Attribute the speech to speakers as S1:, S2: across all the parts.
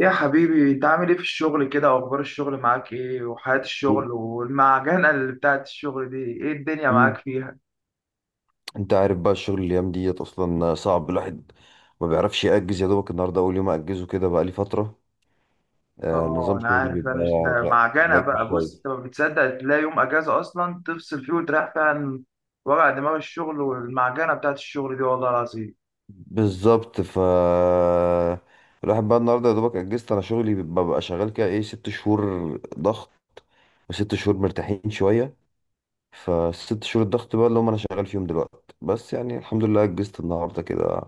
S1: يا حبيبي انت عامل ايه في الشغل كده؟ واخبار الشغل معاك ايه؟ وحياة
S2: مم.
S1: الشغل والمعجنة اللي بتاعت الشغل دي ايه الدنيا معاك
S2: مم.
S1: فيها؟
S2: انت عارف بقى الشغل الايام ديت اصلا صعب. الواحد ما بيعرفش يأجز، يا دوبك النهارده اول يوم اجزه كده، بقى لي فتره.
S1: اه
S2: نظام
S1: انا
S2: شغلي
S1: عارف.
S2: بيبقى.
S1: ده
S2: لا
S1: معجنة
S2: لا،
S1: بقى.
S2: شويه.
S1: بص، انت ما بتصدق تلاقي يوم اجازة اصلا تفصل فيه وتريح فيه عن وجع دماغ الشغل والمعجنة بتاعت الشغل دي والله العظيم.
S2: بالظبط. ف الواحد بقى، النهارده يا دوبك اجزت. انا شغلي ببقى شغال كده ايه، 6 شهور ضغط، وست شهور مرتاحين شويه. فست شهور الضغط بقى اللي هم انا شغال فيهم دلوقتي، بس يعني الحمد لله اجزت النهارده كده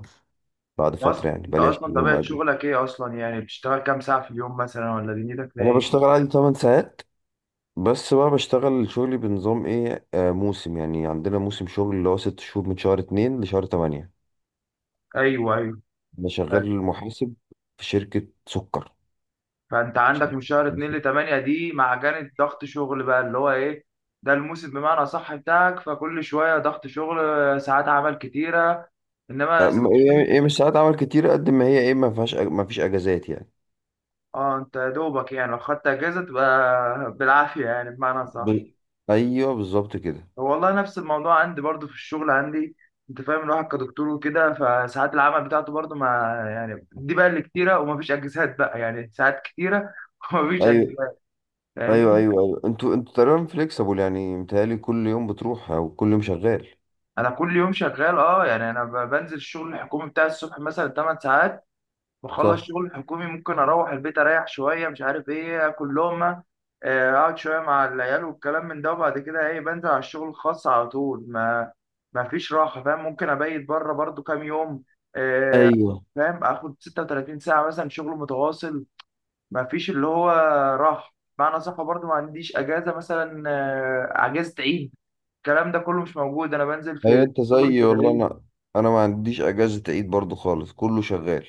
S2: بعد
S1: انت
S2: فتره.
S1: اصلا
S2: يعني
S1: انت
S2: بقى لي
S1: اصلا
S2: 20 يوم
S1: طبيعة
S2: اجل.
S1: شغلك ايه اصلا؟ يعني بتشتغل كام ساعة في اليوم مثلا؟ ولا دنيتك فيها
S2: انا
S1: ايه؟
S2: بشتغل عادي 8 ساعات، بس بقى بشتغل شغلي بنظام ايه، موسم. يعني عندنا موسم شغل اللي هو 6 شهور، من شهر 2 لشهر تمانية.
S1: ايوه، ايوه.
S2: انا شغال محاسب في شركة سكر.
S1: فانت عندك من شهر 2 ل 8 دي معجنة ضغط شغل بقى اللي هو ايه، ده الموسم بمعنى صح بتاعك. فكل شوية ضغط شغل، ساعات عمل كتيرة، انما ست شهور.
S2: هي مش ساعات عمل كتير قد ما هي ايه، ما فيهاش ما فيش اجازات يعني.
S1: اه، انت يا دوبك يعني لو خدت اجازة تبقى بالعافية يعني، بمعنى
S2: ب...
S1: صح.
S2: ايوه بالظبط كده.
S1: والله نفس الموضوع عندي برضو في الشغل عندي. انت فاهم الواحد كدكتور وكده، فساعات العمل بتاعته برضو ما، يعني دي بقى اللي كتيرة ومفيش اجازات بقى، يعني ساعات كتيرة ومفيش
S2: ايوه
S1: اجازات.
S2: ايوه ايوه
S1: فاهمني؟
S2: ايوه، انتوا تقريبا فليكسبل. يعني متهيألي كل يوم بتروح او كل يوم شغال.
S1: انا كل يوم شغال، اه. يعني بنزل الشغل الحكومي بتاعي الصبح مثلا 8 ساعات، بخلص
S2: صح.
S1: شغل الحكومي ممكن اروح البيت اريح شويه، مش عارف ايه، اكل لقمه، اقعد شويه مع العيال والكلام من ده، وبعد كده ايه بنزل على الشغل الخاص على طول. ما فيش راحه فاهم. ممكن ابيت بره برضو كام يوم. آه،
S2: ايوه
S1: فاهم، اخد 36 ساعه مثلا شغل متواصل، ما فيش اللي هو راحه، معنى صح. برضو ما عنديش اجازه مثلا، اجازه عيد، الكلام ده كله مش موجود. انا بنزل
S2: ايوه،
S1: في
S2: انت
S1: شغل
S2: زيي
S1: كده
S2: والله.
S1: ايه،
S2: انا ما عنديش اجازة عيد برضو خالص، كله شغال.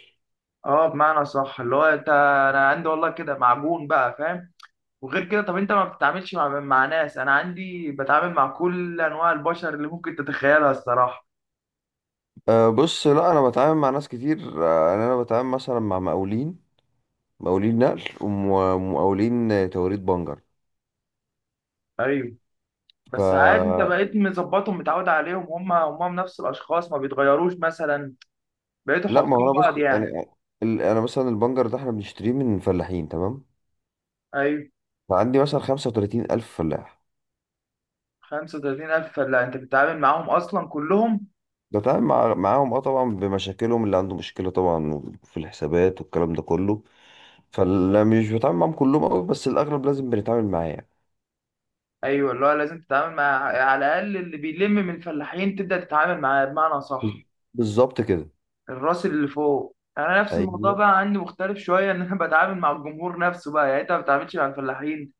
S1: اه بمعنى صح اللي هو انت، انا عندي والله كده معجون بقى، فاهم. وغير كده، طب انت ما بتتعاملش مع ناس؟ انا عندي بتعامل مع كل انواع البشر اللي ممكن تتخيلها الصراحه.
S2: أه بص، لا انا بتعامل مع ناس كتير. أه يعني انا بتعامل مثلا مع مقاولين، مقاولين نقل، ومقاولين توريد بنجر.
S1: ايوه.
S2: ف
S1: بس عادي انت بقيت مظبطهم متعود عليهم، هم نفس الاشخاص، ما بيتغيروش مثلا. بقيتوا
S2: لا ما هو
S1: حافظين
S2: انا
S1: بعض
S2: بص يعني،
S1: يعني.
S2: انا مثلا البنجر ده احنا بنشتريه من فلاحين تمام.
S1: ايوه.
S2: فعندي مثلا 35 الف فلاح.
S1: 35000؟ لا انت بتتعامل معاهم اصلا كلهم.
S2: معاهم اه طبعا، بمشاكلهم. اللي عنده مشكلة طبعا في الحسابات والكلام ده كله. فلا مش بتعامل معاهم كلهم أوي، بس الاغلب لازم بنتعامل معاه يعني.
S1: ايوه، اللي هو لازم تتعامل مع، على الاقل اللي بيلم من الفلاحين تبدا تتعامل معاه بمعنى صح.
S2: بالظبط كده.
S1: الراس اللي فوق. يعني انا نفس الموضوع
S2: ايوه
S1: بقى عندي مختلف شويه، ان انا بتعامل مع الجمهور نفسه بقى. يعني انت ما بتتعاملش مع الفلاحين،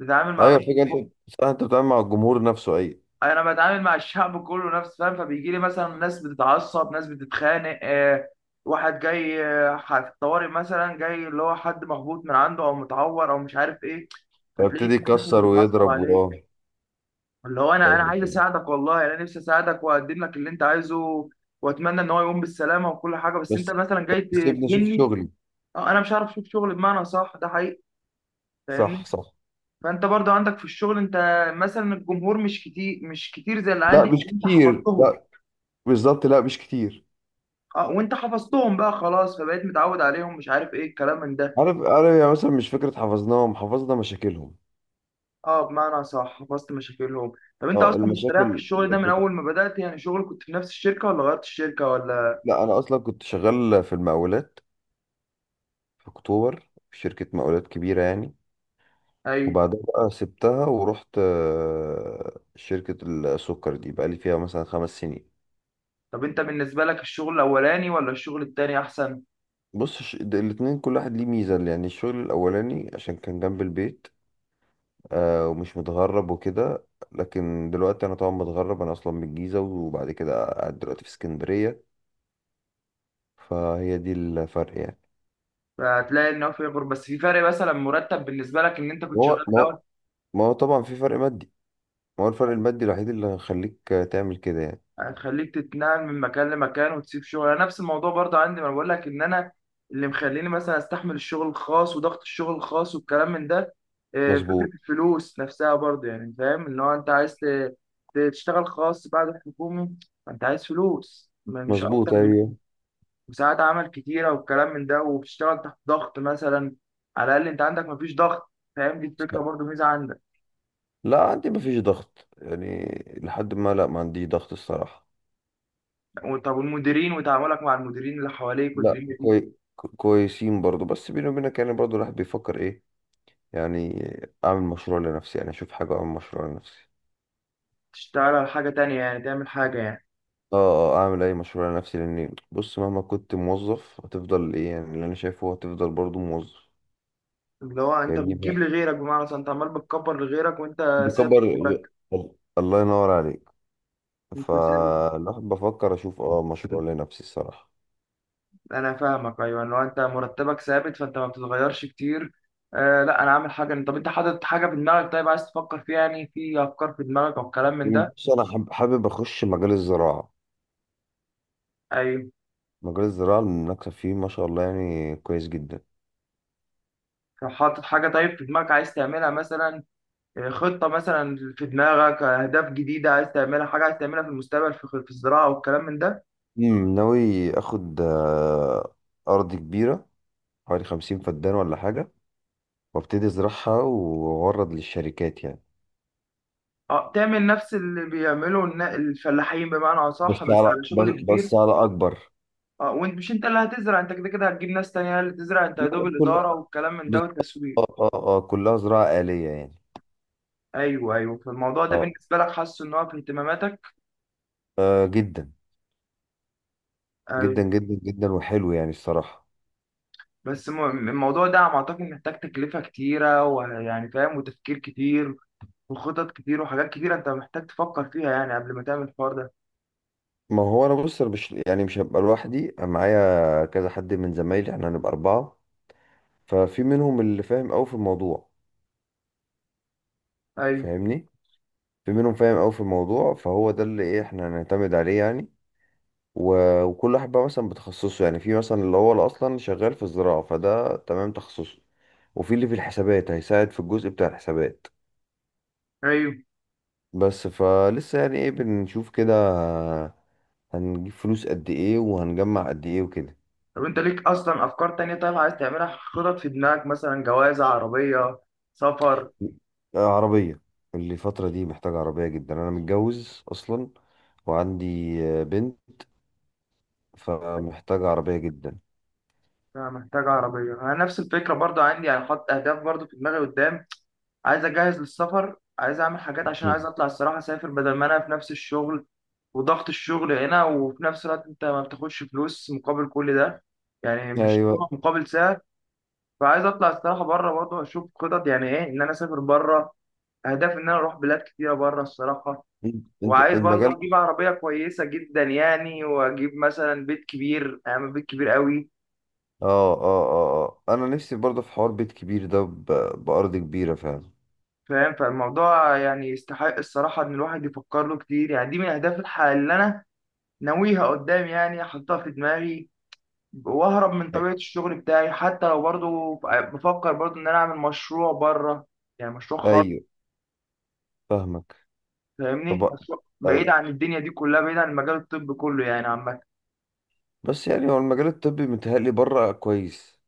S1: بتتعامل مع
S2: ايوه،
S1: الراس اللي
S2: الفكرة
S1: فوق.
S2: انت صح، انت بتتعامل مع الجمهور نفسه. ايوه.
S1: انا بتعامل مع الشعب كله نفسه، فاهم. فبيجي لي مثلا ناس بتتعصب، ناس بتتخانق، واحد جاي، في الطوارئ مثلا، جاي اللي هو حد مخبوط من عنده او متعور او مش عارف ايه، فتلاقيه
S2: فابتدي يكسر
S1: بيتعصب
S2: ويضرب
S1: عليك. اللي هو انا
S2: ايوه
S1: عايز
S2: كده.
S1: اساعدك والله، يعني انا نفسي اساعدك واقدم لك اللي انت عايزه، واتمنى ان هو يقوم بالسلامه وكل حاجه. بس انت
S2: بس
S1: مثلا جاي
S2: بس سيبني اشوف
S1: تهني.
S2: شغلي.
S1: اه انا مش عارف اشوف شغل بمعنى صح، ده حقيقي.
S2: صح
S1: فاهمني.
S2: صح.
S1: فانت برضو عندك في الشغل، انت مثلا الجمهور مش كتير، مش كتير زي اللي
S2: لا
S1: عندي.
S2: مش
S1: انت
S2: كتير،
S1: حفظتهم.
S2: لا. بالظبط، لا مش كتير.
S1: اه، وانت حفظتهم بقى خلاص، فبقيت متعود عليهم، مش عارف ايه الكلام من ده.
S2: عارف عارف. يعني مثلا مش فكره حفظناهم، حفظنا مشاكلهم.
S1: اه بمعنى صح، حفظت مشاكلهم. طب انت
S2: اه،
S1: اصلا مستريح في
S2: المشاكل
S1: الشغل ده من اول ما بدأت؟ يعني شغل كنت في نفس الشركة ولا غيرت الشركة ولا؟
S2: لا انا اصلا كنت شغال في المقاولات، في اكتوبر، في شركه مقاولات كبيره يعني.
S1: ايوه.
S2: وبعدها بقى سبتها ورحت شركه السكر دي، بقى لي فيها مثلا 5 سنين.
S1: طب انت بالنسبة لك الشغل الاولاني ولا الشغل التاني احسن؟
S2: بص الاتنين كل واحد ليه ميزه. يعني الشغل الاولاني عشان كان جنب البيت، ومش متغرب وكده. لكن دلوقتي انا طبعا متغرب، انا اصلا من الجيزه، وبعد كده قاعد دلوقتي في اسكندريه. فهي دي الفرق يعني.
S1: فهتلاقي ان هو في فرق، بس في فرق مثلا مرتب بالنسبة لك ان انت كنت
S2: ما
S1: شغال
S2: هو
S1: في
S2: ما
S1: الاول،
S2: هو ما هو طبعا في فرق مادي. ما هو الفرق المادي الوحيد اللي هيخليك تعمل كده يعني.
S1: هتخليك تتنقل من مكان لمكان وتسيب شغل. انا نفس الموضوع برضه عندي، ما أنا بقول لك ان انا اللي مخليني مثلا استحمل الشغل الخاص وضغط الشغل الخاص والكلام من ده، فكرة
S2: مظبوط.
S1: الفلوس نفسها برضه يعني، فاهم. اللي هو انت عايز تشتغل خاص بعد الحكومي. فانت عايز فلوس مش
S2: مظبوط،
S1: اكتر من كده.
S2: ايوه.
S1: وساعات عمل كتيرة والكلام من ده، وبتشتغل تحت ضغط مثلا. على الاقل انت عندك مفيش ضغط، فاهم، دي الفكرة
S2: صح.
S1: برضه ميزة عندك.
S2: لا عندي مفيش ضغط يعني، لحد ما، لا ما عنديش ضغط الصراحه.
S1: طب والمديرين، وتعاملك مع المديرين اللي حواليك
S2: لا
S1: والدنيا؟
S2: كويسين برضو، بس بيني وبينك يعني برضو الواحد بيفكر ايه يعني، اعمل مشروع لنفسي، يعني اشوف حاجه، اعمل مشروع لنفسي.
S1: تشتغل على حاجة تانية يعني، تعمل حاجة يعني.
S2: اه. اعمل اي مشروع لنفسي، لان بص مهما كنت موظف هتفضل ايه يعني، اللي انا شايفه هو هتفضل برضو موظف.
S1: اللي هو انت
S2: فاهمني.
S1: بتجيب لغيرك بمعنى صح، انت عمال بتكبر لغيرك وانت ثابت
S2: بكبر.
S1: مرتب.
S2: الله ينور عليك.
S1: انت ثابت.
S2: فالواحد بفكر اشوف مشروع لنفسي الصراحه.
S1: انا فاهمك ايوه، اللي هو انت مرتبك ثابت فانت ما بتتغيرش كتير. آه لا انا عامل حاجة. طب انت حاطط حاجة في دماغك طيب عايز تفكر فيها؟ يعني في افكار في دماغك او كلام من ده؟
S2: بص انا حابب اخش مجال الزراعه.
S1: ايوه.
S2: مجال الزراعه المنافسه فيه ما شاء الله يعني، كويس جدا.
S1: طب حاطط حاجة طيب في دماغك عايز تعملها مثلا؟ خطة مثلا في دماغك، اهداف جديدة عايز تعملها، حاجة عايز تعملها في المستقبل في الزراعة والكلام من ده؟
S2: ناوي اخد ارض كبيره، حوالي 50 فدان ولا حاجه. وابتدي ازرعها واورد للشركات يعني.
S1: اه تعمل نفس اللي بيعمله الفلاحين بمعنى اصح، بس على شغل
S2: بس
S1: كبير.
S2: على اكبر.
S1: اه وانت مش انت اللي هتزرع، انت كده كده هتجيب ناس تانية هي اللي تزرع، انت يا دوب
S2: لا
S1: الاداره
S2: كلها.
S1: والكلام من ده
S2: بس
S1: والتسويق.
S2: اه اه اه كلها زراعة آلية يعني.
S1: ايوه، ايوه. فالموضوع ده
S2: اه.
S1: بالنسبه لك حاسه ان هو في اهتماماتك؟
S2: جدا.
S1: ايوه.
S2: جدا جدا جدا، وحلو يعني الصراحة.
S1: بس الموضوع ده على ما اعتقد محتاج تكلفه كتيره ويعني فاهم، وتفكير كتير وخطط كتير وحاجات كتيره انت محتاج تفكر فيها يعني قبل ما تعمل الحوار ده.
S2: ما هو انا بص، أنا مش يعني مش هبقى لوحدي. أنا معايا كذا حد من زمايلي، احنا هنبقى اربعة. ففي منهم اللي فاهم قوي في الموضوع.
S1: ايوه،
S2: فاهمني، في منهم فاهم قوي في الموضوع، فهو ده اللي ايه احنا هنعتمد عليه يعني. وكل واحد بقى مثلا بتخصصه، يعني في مثلا اللي هو اللي اصلا شغال في الزراعة، فده تمام تخصصه. وفي اللي في الحسابات هيساعد في الجزء بتاع الحسابات.
S1: ايوه.
S2: بس فلسه يعني ايه، بنشوف كده هنجيب فلوس قد ايه وهنجمع قد ايه وكده.
S1: طب انت ليك اصلا افكار تانية طيب عايز تعملها، خطط في دماغك، مثلا جواز، عربيه، سفر؟
S2: عربية. الفترة دي محتاجة عربية جدا، أنا متجوز أصلا وعندي بنت. فمحتاجة عربية جدا.
S1: لا محتاج عربية. أنا نفس الفكرة برضو عندي، يعني حاطط أهداف برضو في دماغي قدام. عايز أجهز للسفر، عايز أعمل حاجات عشان عايز
S2: مم.
S1: أطلع الصراحة، أسافر بدل ما أنا في نفس الشغل وضغط الشغل هنا، وفي نفس الوقت أنت ما بتاخدش فلوس مقابل كل ده، يعني مش قيمة
S2: أيوة.
S1: مقابل سعر. فعايز أطلع الصراحة بره برضو، أشوف خطط يعني إيه إن أنا أسافر بره، أهداف إن أنا أروح بلاد كتيرة بره الصراحة.
S2: أنت
S1: وعايز برضه
S2: المجال،
S1: أجيب عربية كويسة جدا يعني، وأجيب مثلا بيت كبير، أعمل بيت كبير قوي،
S2: اه انا نفسي برضه في حوار بيت كبير ده بأرض كبيرة فعلا.
S1: فاهم. فالموضوع يعني يستحق الصراحة إن الواحد يفكر له كتير. يعني دي من أهداف الحياة اللي أنا ناويها قدام، يعني أحطها في دماغي، وأهرب من طبيعة الشغل بتاعي. حتى لو برضو بفكر برضو إن أنا أعمل مشروع بره، يعني مشروع خالص،
S2: ايوه فاهمك.
S1: فاهمني.
S2: طب
S1: مشروع بعيد
S2: ايوه،
S1: عن الدنيا دي كلها، بعيد عن المجال الطبي كله يعني عامة.
S2: بس يعني هو المجال الطبي متهيألي بره كويس.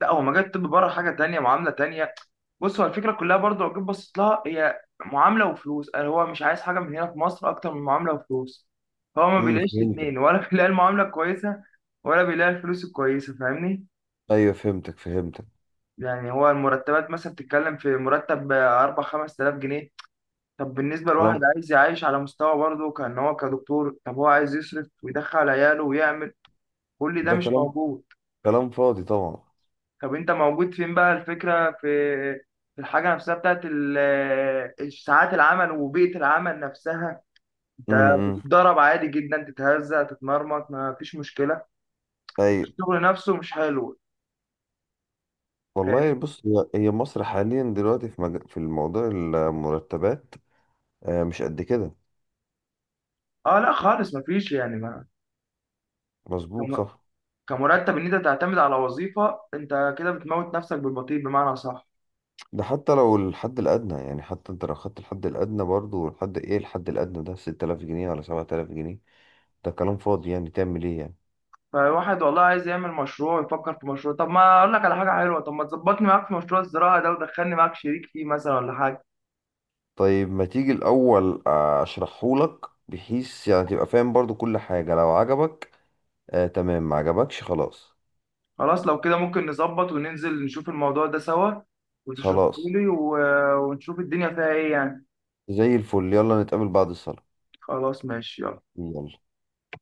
S1: لا هو مجال الطب بره حاجه تانية، معامله تانية. بص، هو الفكره كلها برضو لو جيت بصيت لها، هي معامله وفلوس. يعني هو مش عايز حاجه من هنا في مصر اكتر من معامله وفلوس. هو ما بيلاقيش
S2: فهمتك.
S1: الاثنين، ولا بيلاقي المعامله الكويسه ولا بيلاقي الفلوس الكويسه، فاهمني.
S2: ايوه فهمتك فهمتك.
S1: يعني هو المرتبات مثلا بتتكلم في مرتب 4 5000 جنيه. طب بالنسبه لواحد
S2: كلام.
S1: عايز يعيش على مستوى برضه كان هو كدكتور، طب هو عايز يصرف ويدخل عياله ويعمل، كل ده
S2: ده
S1: مش
S2: كلام،
S1: موجود.
S2: كلام فاضي طبعا.
S1: طب انت موجود فين بقى؟ الفكرة في الحاجة نفسها بتاعت ساعات العمل وبيئة العمل نفسها.
S2: امم.
S1: انت
S2: امم.
S1: بتتضرب عادي جدا، تتهزأ، تتمرمط، ما فيش مشكلة.
S2: ايوه
S1: الشغل نفسه مش حلو،
S2: والله،
S1: فاهمني.
S2: بص هي مصر حاليا دلوقتي في الموضوع المرتبات مش قد كده.
S1: اه لا خالص ما فيش، يعني ما،
S2: مظبوط
S1: كم-
S2: صح.
S1: كمرتب ان انت تعتمد على وظيفة انت كده بتموت نفسك بالبطيء بمعنى صح.
S2: ده حتى لو الحد الأدنى يعني، حتى انت لو خدت الحد الأدنى برضو، الحد ايه الحد الأدنى ده 6000 جنيه ولا 7000 جنيه. ده كلام فاضي يعني، تعمل ايه يعني.
S1: فواحد والله عايز يعمل مشروع، يفكر في مشروع. طب ما اقول لك على حاجة حلوة، طب ما تظبطني معاك في مشروع الزراعة ده ودخلني معاك شريك فيه مثلا ولا حاجة؟
S2: طيب ما تيجي الأول أشرحهولك، بحيث يعني تبقى فاهم برضو كل حاجة. لو عجبك آه تمام، ما عجبكش خلاص.
S1: خلاص لو كده ممكن نظبط وننزل نشوف الموضوع ده سوا وتشرحه
S2: خلاص.
S1: لي و... ونشوف الدنيا فيها ايه يعني.
S2: زي الفل، يلا نتقابل بعد الصلاة.
S1: خلاص ماشي يلا.
S2: يلا.